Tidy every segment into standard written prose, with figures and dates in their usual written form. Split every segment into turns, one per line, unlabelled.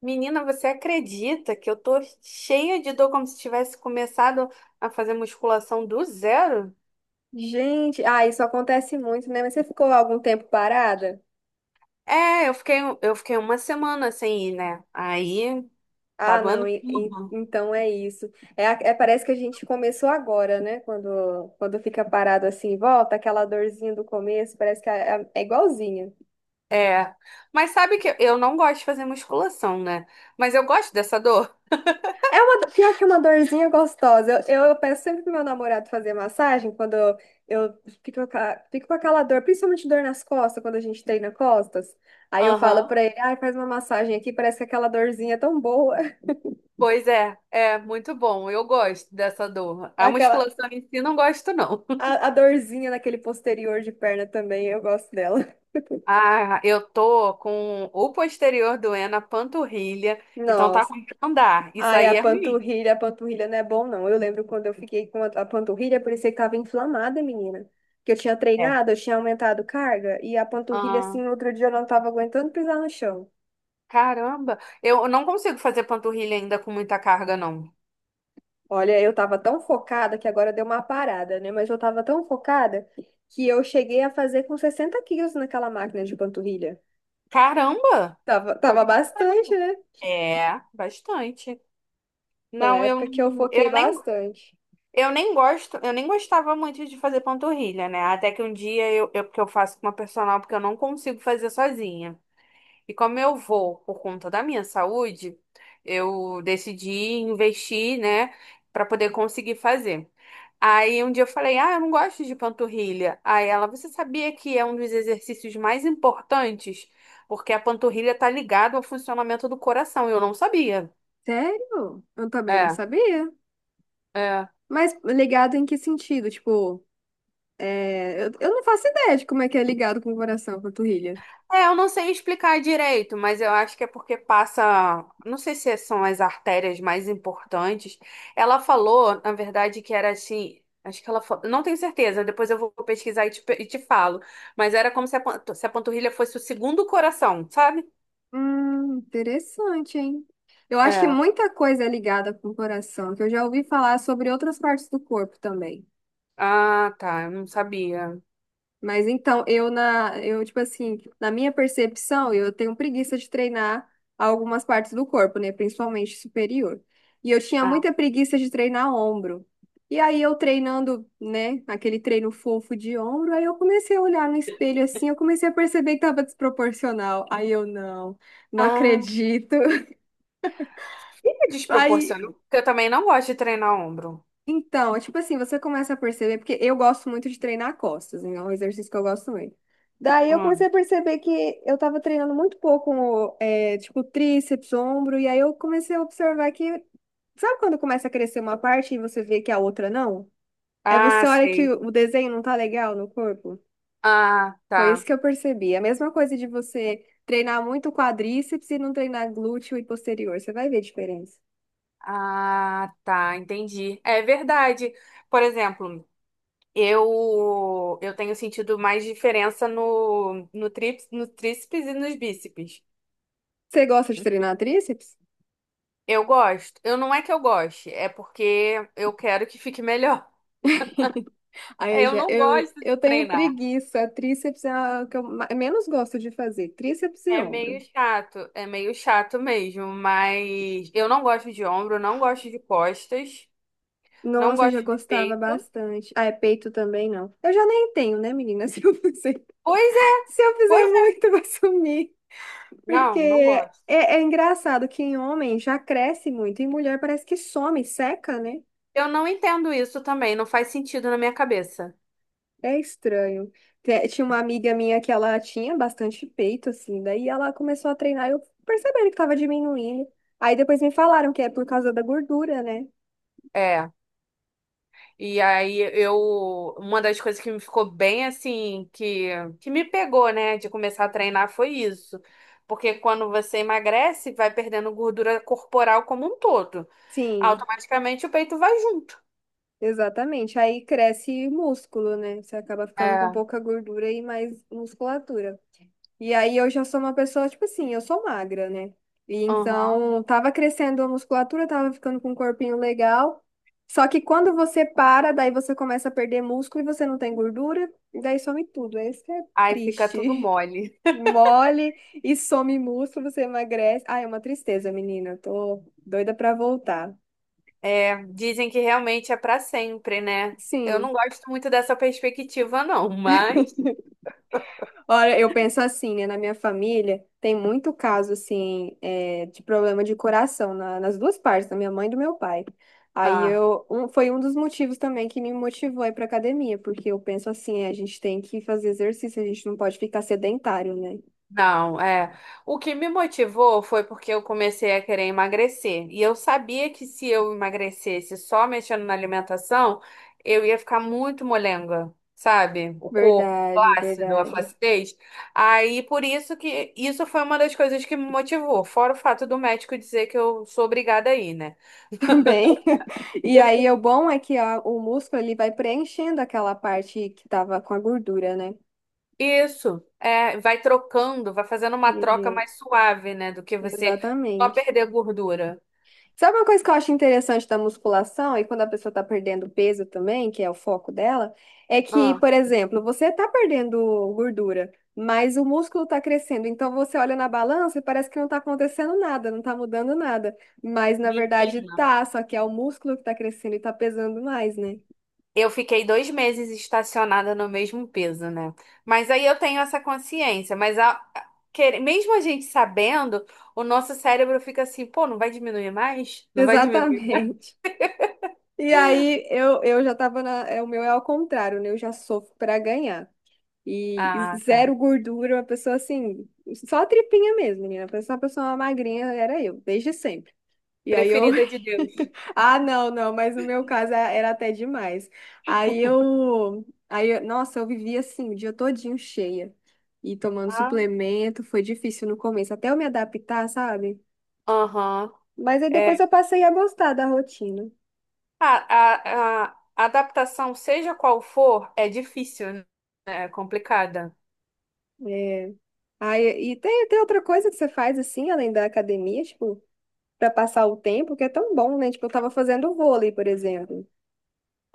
Menina, você acredita que eu tô cheia de dor como se tivesse começado a fazer musculação do zero?
Gente, isso acontece muito, né? Mas você ficou algum tempo parada?
É, eu fiquei uma semana sem ir, né? Aí tá
Ah, não,
doendo tudo.
então é isso. Parece que a gente começou agora, né? Quando fica parado assim, volta aquela dorzinha do começo, parece que é igualzinha.
É. Mas sabe que eu não gosto de fazer musculação, né? Mas eu gosto dessa dor.
É uma, pior que uma dorzinha gostosa. Eu peço sempre pro meu namorado fazer massagem quando eu fico, fico com aquela dor, principalmente dor nas costas, quando a gente treina costas. Aí eu falo
Aham.
pra ele, ah, faz uma massagem aqui, parece que aquela dorzinha é tão boa.
Pois é, é muito bom. Eu gosto dessa dor. A
Aquela,
musculação em si não gosto, não.
a dorzinha naquele posterior de perna também, eu gosto dela.
Ah, eu tô com o posterior doendo, a panturrilha, então tá
Nossa.
com que andar. Isso
Ai, a
aí é ruim.
panturrilha, a panturrilha não é bom, não. Eu lembro quando eu fiquei com a panturrilha, parecia que tava inflamada, menina. Que eu tinha
É.
treinado, eu tinha aumentado carga, e a panturrilha,
Ah,
assim, outro dia eu não tava aguentando pisar no chão.
caramba, eu não consigo fazer panturrilha ainda com muita carga, não.
Olha, eu tava tão focada que agora deu uma parada, né? Mas eu tava tão focada que eu cheguei a fazer com 60 kg naquela máquina de panturrilha.
Caramba!
Tava
Coisa pra
bastante,
caramba.
né?
É, bastante.
Foi uma
Não, eu,
época que eu
não-
foquei
eu nem,
bastante.
eu nem gostava muito de fazer panturrilha, né? Até que um dia porque eu faço com uma personal, porque eu não consigo fazer sozinha. E como eu vou por conta da minha saúde, eu decidi investir, né, para poder conseguir fazer. Aí um dia eu falei: "Ah, eu não gosto de panturrilha". Aí ela: "Você sabia que é um dos exercícios mais importantes? Porque a panturrilha tá ligada ao funcionamento do coração". Eu não sabia.
Sério? Eu também não
É,
sabia.
é.
Mas ligado em que sentido? Tipo, eu não faço ideia de como é que é ligado com o coração, com a panturrilha.
É, eu não sei explicar direito, mas eu acho que é porque passa, não sei se são as artérias mais importantes. Ela falou, na verdade, que era assim, acho que ela falou, não tenho certeza, depois eu vou pesquisar e te, pe- e te falo, mas era como se a, pan- se a panturrilha fosse o segundo coração, sabe?
Interessante, hein? Eu acho que
É.
muita coisa é ligada com o coração, que eu já ouvi falar sobre outras partes do corpo também.
Ah, tá, eu não sabia.
Mas então, eu tipo assim, na minha percepção, eu tenho preguiça de treinar algumas partes do corpo, né, principalmente superior. E eu tinha
Ah,
muita preguiça de treinar ombro. E aí eu treinando, né, aquele treino fofo de ombro, aí eu comecei a olhar no espelho assim, eu comecei a perceber que tava desproporcional. Aí eu não, não
ah.
acredito.
Fica
Aí
desproporcional, porque eu também não gosto de treinar ombro.
Então, é tipo assim, você começa a perceber, porque eu gosto muito de treinar costas, né? É um exercício que eu gosto muito. Daí eu comecei
Hum.
a perceber que eu tava treinando muito pouco, é, tipo, tríceps, ombro, e aí eu comecei a observar que, sabe quando começa a crescer uma parte e você vê que a outra não? Aí você
Ah,
olha que
sei.
o desenho não tá legal no corpo.
Ah,
Foi isso
tá.
que eu percebi. A mesma coisa de você treinar muito quadríceps e não treinar glúteo e posterior. Você vai ver a diferença.
Ah, tá, entendi. É verdade. Por exemplo, eu tenho sentido mais diferença no tríceps e nos bíceps.
Você gosta de treinar tríceps?
Eu gosto. Eu não é que eu goste, é porque eu quero que fique melhor.
Aí
Eu
já,
não
eu,
gosto
eu
de
tenho
treinar.
preguiça. Tríceps é o que eu menos gosto de fazer. Tríceps e ombro.
É meio chato mesmo, mas eu não gosto de ombro, não gosto de costas, não
Nossa, eu já
gosto de
gostava
peito.
bastante. Ah, é peito também, não. Eu já nem tenho, né, menina?
Pois é,
Se eu fizer
pois é.
muito, vai sumir. Porque
Não, não gosto.
é engraçado que em homem já cresce muito, em mulher parece que some, seca, né?
Eu não entendo isso também, não faz sentido na minha cabeça.
É estranho. Tinha uma amiga minha que ela tinha bastante peito, assim, daí ela começou a treinar e eu percebendo que tava diminuindo. Aí depois me falaram que é por causa da gordura, né?
É. E aí eu, uma das coisas que me ficou bem assim, que me pegou, né, de começar a treinar foi isso. Porque quando você emagrece, vai perdendo gordura corporal como um todo.
Sim,
Automaticamente o peito vai junto.
exatamente. Aí cresce músculo, né? Você acaba ficando com
É.
pouca gordura e mais musculatura. E aí eu já sou uma pessoa, tipo assim, eu sou magra, né? E
Uhum.
então tava crescendo a musculatura, tava ficando com um corpinho legal. Só que quando você para, daí você começa a perder músculo e você não tem gordura, e daí some tudo. Esse que é
Aí fica tudo
triste.
mole.
Mole e some músculo, você emagrece. Ah, é uma tristeza, menina. Tô doida pra voltar.
É, dizem que realmente é pra sempre, né? Eu
Sim.
não gosto muito dessa perspectiva, não, mas.
Ora, eu penso assim, né? Na minha família tem muito caso, assim, é, de problema de coração nas duas partes, da minha mãe e do meu pai.
Ah.
Foi um dos motivos também que me motivou a ir pra academia, porque eu penso assim, é, a gente tem que fazer exercício, a gente não pode ficar sedentário, né?
Não, é. O que me motivou foi porque eu comecei a querer emagrecer. E eu sabia que se eu emagrecesse só mexendo na alimentação, eu ia ficar muito molenga, sabe? O corpo
Verdade,
flácido, a
verdade.
flacidez. Aí por isso que isso foi uma das coisas que me motivou, fora o fato do médico dizer que eu sou obrigada a ir, né?
Também. E aí o bom é que o músculo ele vai preenchendo aquela parte que tava com a gordura, né?
Isso, é, vai trocando, vai fazendo uma troca
E-
mais suave, né, do que você só
Exatamente.
perder gordura.
Sabe uma coisa que eu acho interessante da musculação e quando a pessoa tá perdendo peso também, que é o foco dela, é que,
Ah.
por exemplo, você tá perdendo gordura, mas o músculo tá crescendo. Então você olha na balança e parece que não tá acontecendo nada, não tá mudando nada. Mas na verdade tá, só que é o músculo que tá crescendo e tá pesando mais, né?
Eu fiquei dois meses estacionada no mesmo peso, né? Mas aí eu tenho essa consciência. Mas mesmo a gente sabendo, o nosso cérebro fica assim, pô, não vai diminuir mais? Não vai diminuir?
Exatamente. E aí eu já tava na. É, O meu é ao contrário, né? Eu já sofro pra ganhar. E
Ah, tá.
zero gordura, uma pessoa assim, só tripinha mesmo, menina. Só uma pessoa magrinha era eu, desde sempre. E aí eu.
Preferida de Deus.
Ah, não, não, mas no meu caso era até demais. Nossa, eu vivia assim, o dia todinho cheia. E tomando
Ah.
suplemento, foi difícil no começo, até eu me adaptar, sabe?
Aham.
Mas aí depois
É.
eu passei a gostar da rotina.
A, a, a adaptação, seja qual for, é difícil, né? É complicada.
É. Aí, e tem outra coisa que você faz assim, além da academia, tipo, para passar o tempo, que é tão bom, né? Tipo, eu tava fazendo vôlei, por exemplo.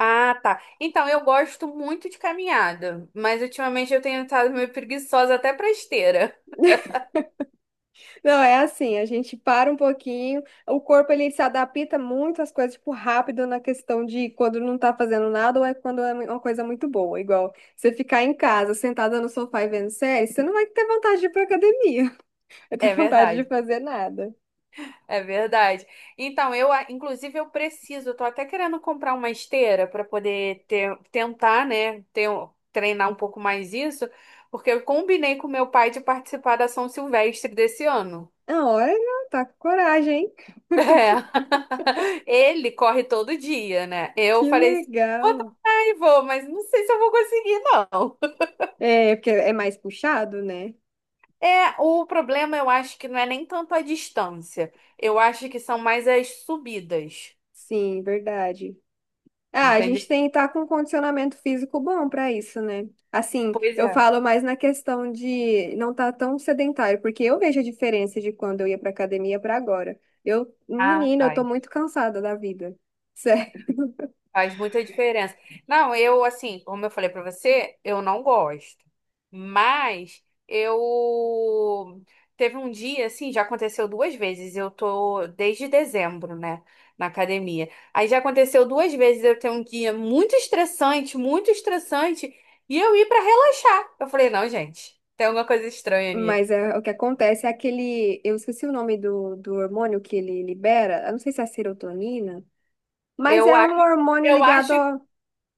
Ah, tá. Então, eu gosto muito de caminhada, mas ultimamente eu tenho estado meio preguiçosa até pra esteira.
Não, é assim, a gente para um pouquinho, o corpo ele se adapta muito às coisas, tipo, rápido na questão de quando não tá fazendo nada ou é quando é uma coisa muito boa. Igual você ficar em casa, sentada no sofá e vendo série, você não vai ter vontade de ir pra academia, vai ter
É
vontade de
verdade.
fazer nada.
É verdade. Então, eu preciso, eu tô até querendo comprar uma esteira para poder tentar, né, treinar um pouco mais isso, porque eu combinei com meu pai de participar da São Silvestre desse ano.
Ah, olha, tá com coragem, hein?
É. Ele corre todo dia, né? Eu
Que
falei, assim, vou
legal.
tentar e vou, mas não sei se eu vou conseguir, não.
É, porque é mais puxado, né?
É, o problema eu acho que não é nem tanto a distância. Eu acho que são mais as subidas.
Sim, verdade. Ah, a
Entendeu?
gente tem que estar com um condicionamento físico bom para isso, né? Assim,
Pois
eu
é.
falo mais na questão de não estar tão sedentário, porque eu vejo a diferença de quando eu ia para academia para agora. Eu,
Ah,
menina, eu
tá.
tô muito cansada da vida. Sério.
Faz muita diferença. Não, eu, assim, como eu falei pra você, eu não gosto. Mas eu. Teve um dia, assim, já aconteceu duas vezes. Eu tô desde dezembro, né, na academia. Aí já aconteceu duas vezes eu ter um dia muito estressante, e eu ir pra relaxar. Eu falei, não, gente, tem alguma coisa estranha ali.
Mas é, o que acontece é aquele, eu esqueci o nome do hormônio que ele libera, eu não sei se é a serotonina, mas
Eu
é
acho,
um hormônio
eu
ligado.
acho,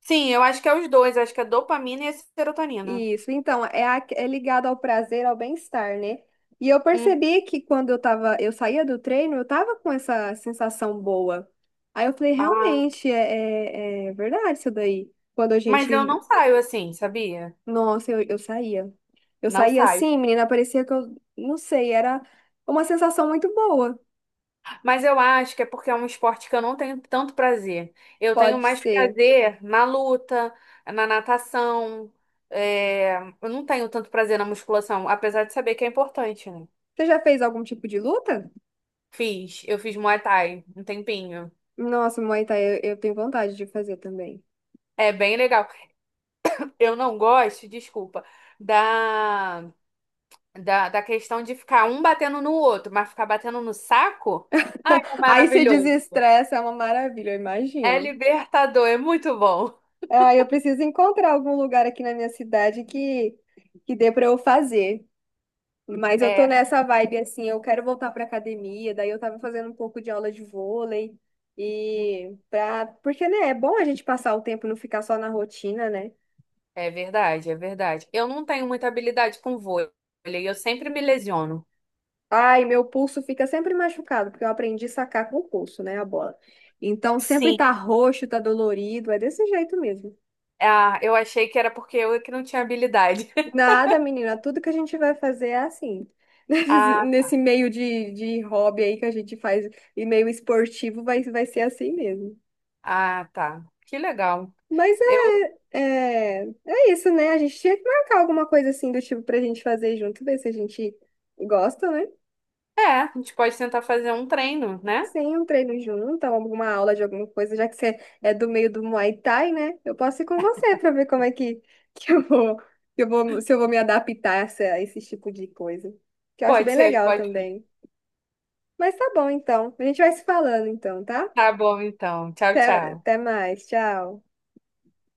sim, eu acho que é os dois. Eu acho que é dopamina e a serotonina.
Isso, então, é ligado ao prazer, ao bem-estar, né? E eu
Hum.
percebi que quando eu tava, eu saía do treino, eu tava com essa sensação boa. Aí eu falei, realmente, é verdade isso daí. Quando a
Mas eu
gente,
não saio assim, sabia?
eu saía. Eu
Não
saía
saio.
assim, menina, parecia que eu, não sei, era uma sensação muito boa.
Mas eu acho que é porque é um esporte que eu não tenho tanto prazer. Eu tenho
Pode
mais
ser.
prazer na luta, na natação. É, eu não tenho tanto prazer na musculação, apesar de saber que é importante, né?
Você já fez algum tipo de luta?
Fiz, eu fiz Muay Thai um tempinho.
Nossa, Muay Thai, eu tenho vontade de fazer também.
É bem legal. Eu não gosto, desculpa, da, da questão de ficar um batendo no outro, mas ficar batendo no saco, ai, é
Aí se
maravilhoso.
desestressa, é uma maravilha, eu
É
imagino.
libertador, é muito bom.
Ah, eu preciso encontrar algum lugar aqui na minha cidade que dê para eu fazer. Mas eu tô
É,
nessa vibe assim, eu quero voltar para academia, daí eu tava fazendo um pouco de aula de vôlei e pra, porque né, é bom a gente passar o tempo e não ficar só na rotina, né?
é verdade, é verdade. Eu não tenho muita habilidade com vôlei, eu sempre me lesiono.
Ai, meu pulso fica sempre machucado, porque eu aprendi a sacar com o pulso, né, a bola. Então sempre
Sim,
tá roxo, tá dolorido, é desse jeito mesmo.
ah, eu achei que era porque eu é que não tinha habilidade.
Nada, menina, tudo que a gente vai fazer é assim. Nesse
Ah,
nesse meio de hobby aí que a gente faz, e meio esportivo, vai ser assim mesmo.
ah, tá. Que legal.
Mas
Eu,
é isso, né? A gente tinha que marcar alguma coisa assim do tipo pra gente fazer junto, ver se a gente gosta, né?
a gente pode tentar fazer um treino, né?
Sim, um treino junto, alguma aula de alguma coisa, já que você é do meio do Muay Thai, né? Eu posso ir com você pra ver como é que, que eu vou, que eu vou, se eu vou me adaptar a a esse tipo de coisa. Que eu acho
Pode
bem
ser,
legal
pode ser.
também. Mas tá bom, então. A gente vai se falando, então, tá?
Tá bom, então. Tchau,
Até,
tchau.
até mais. Tchau.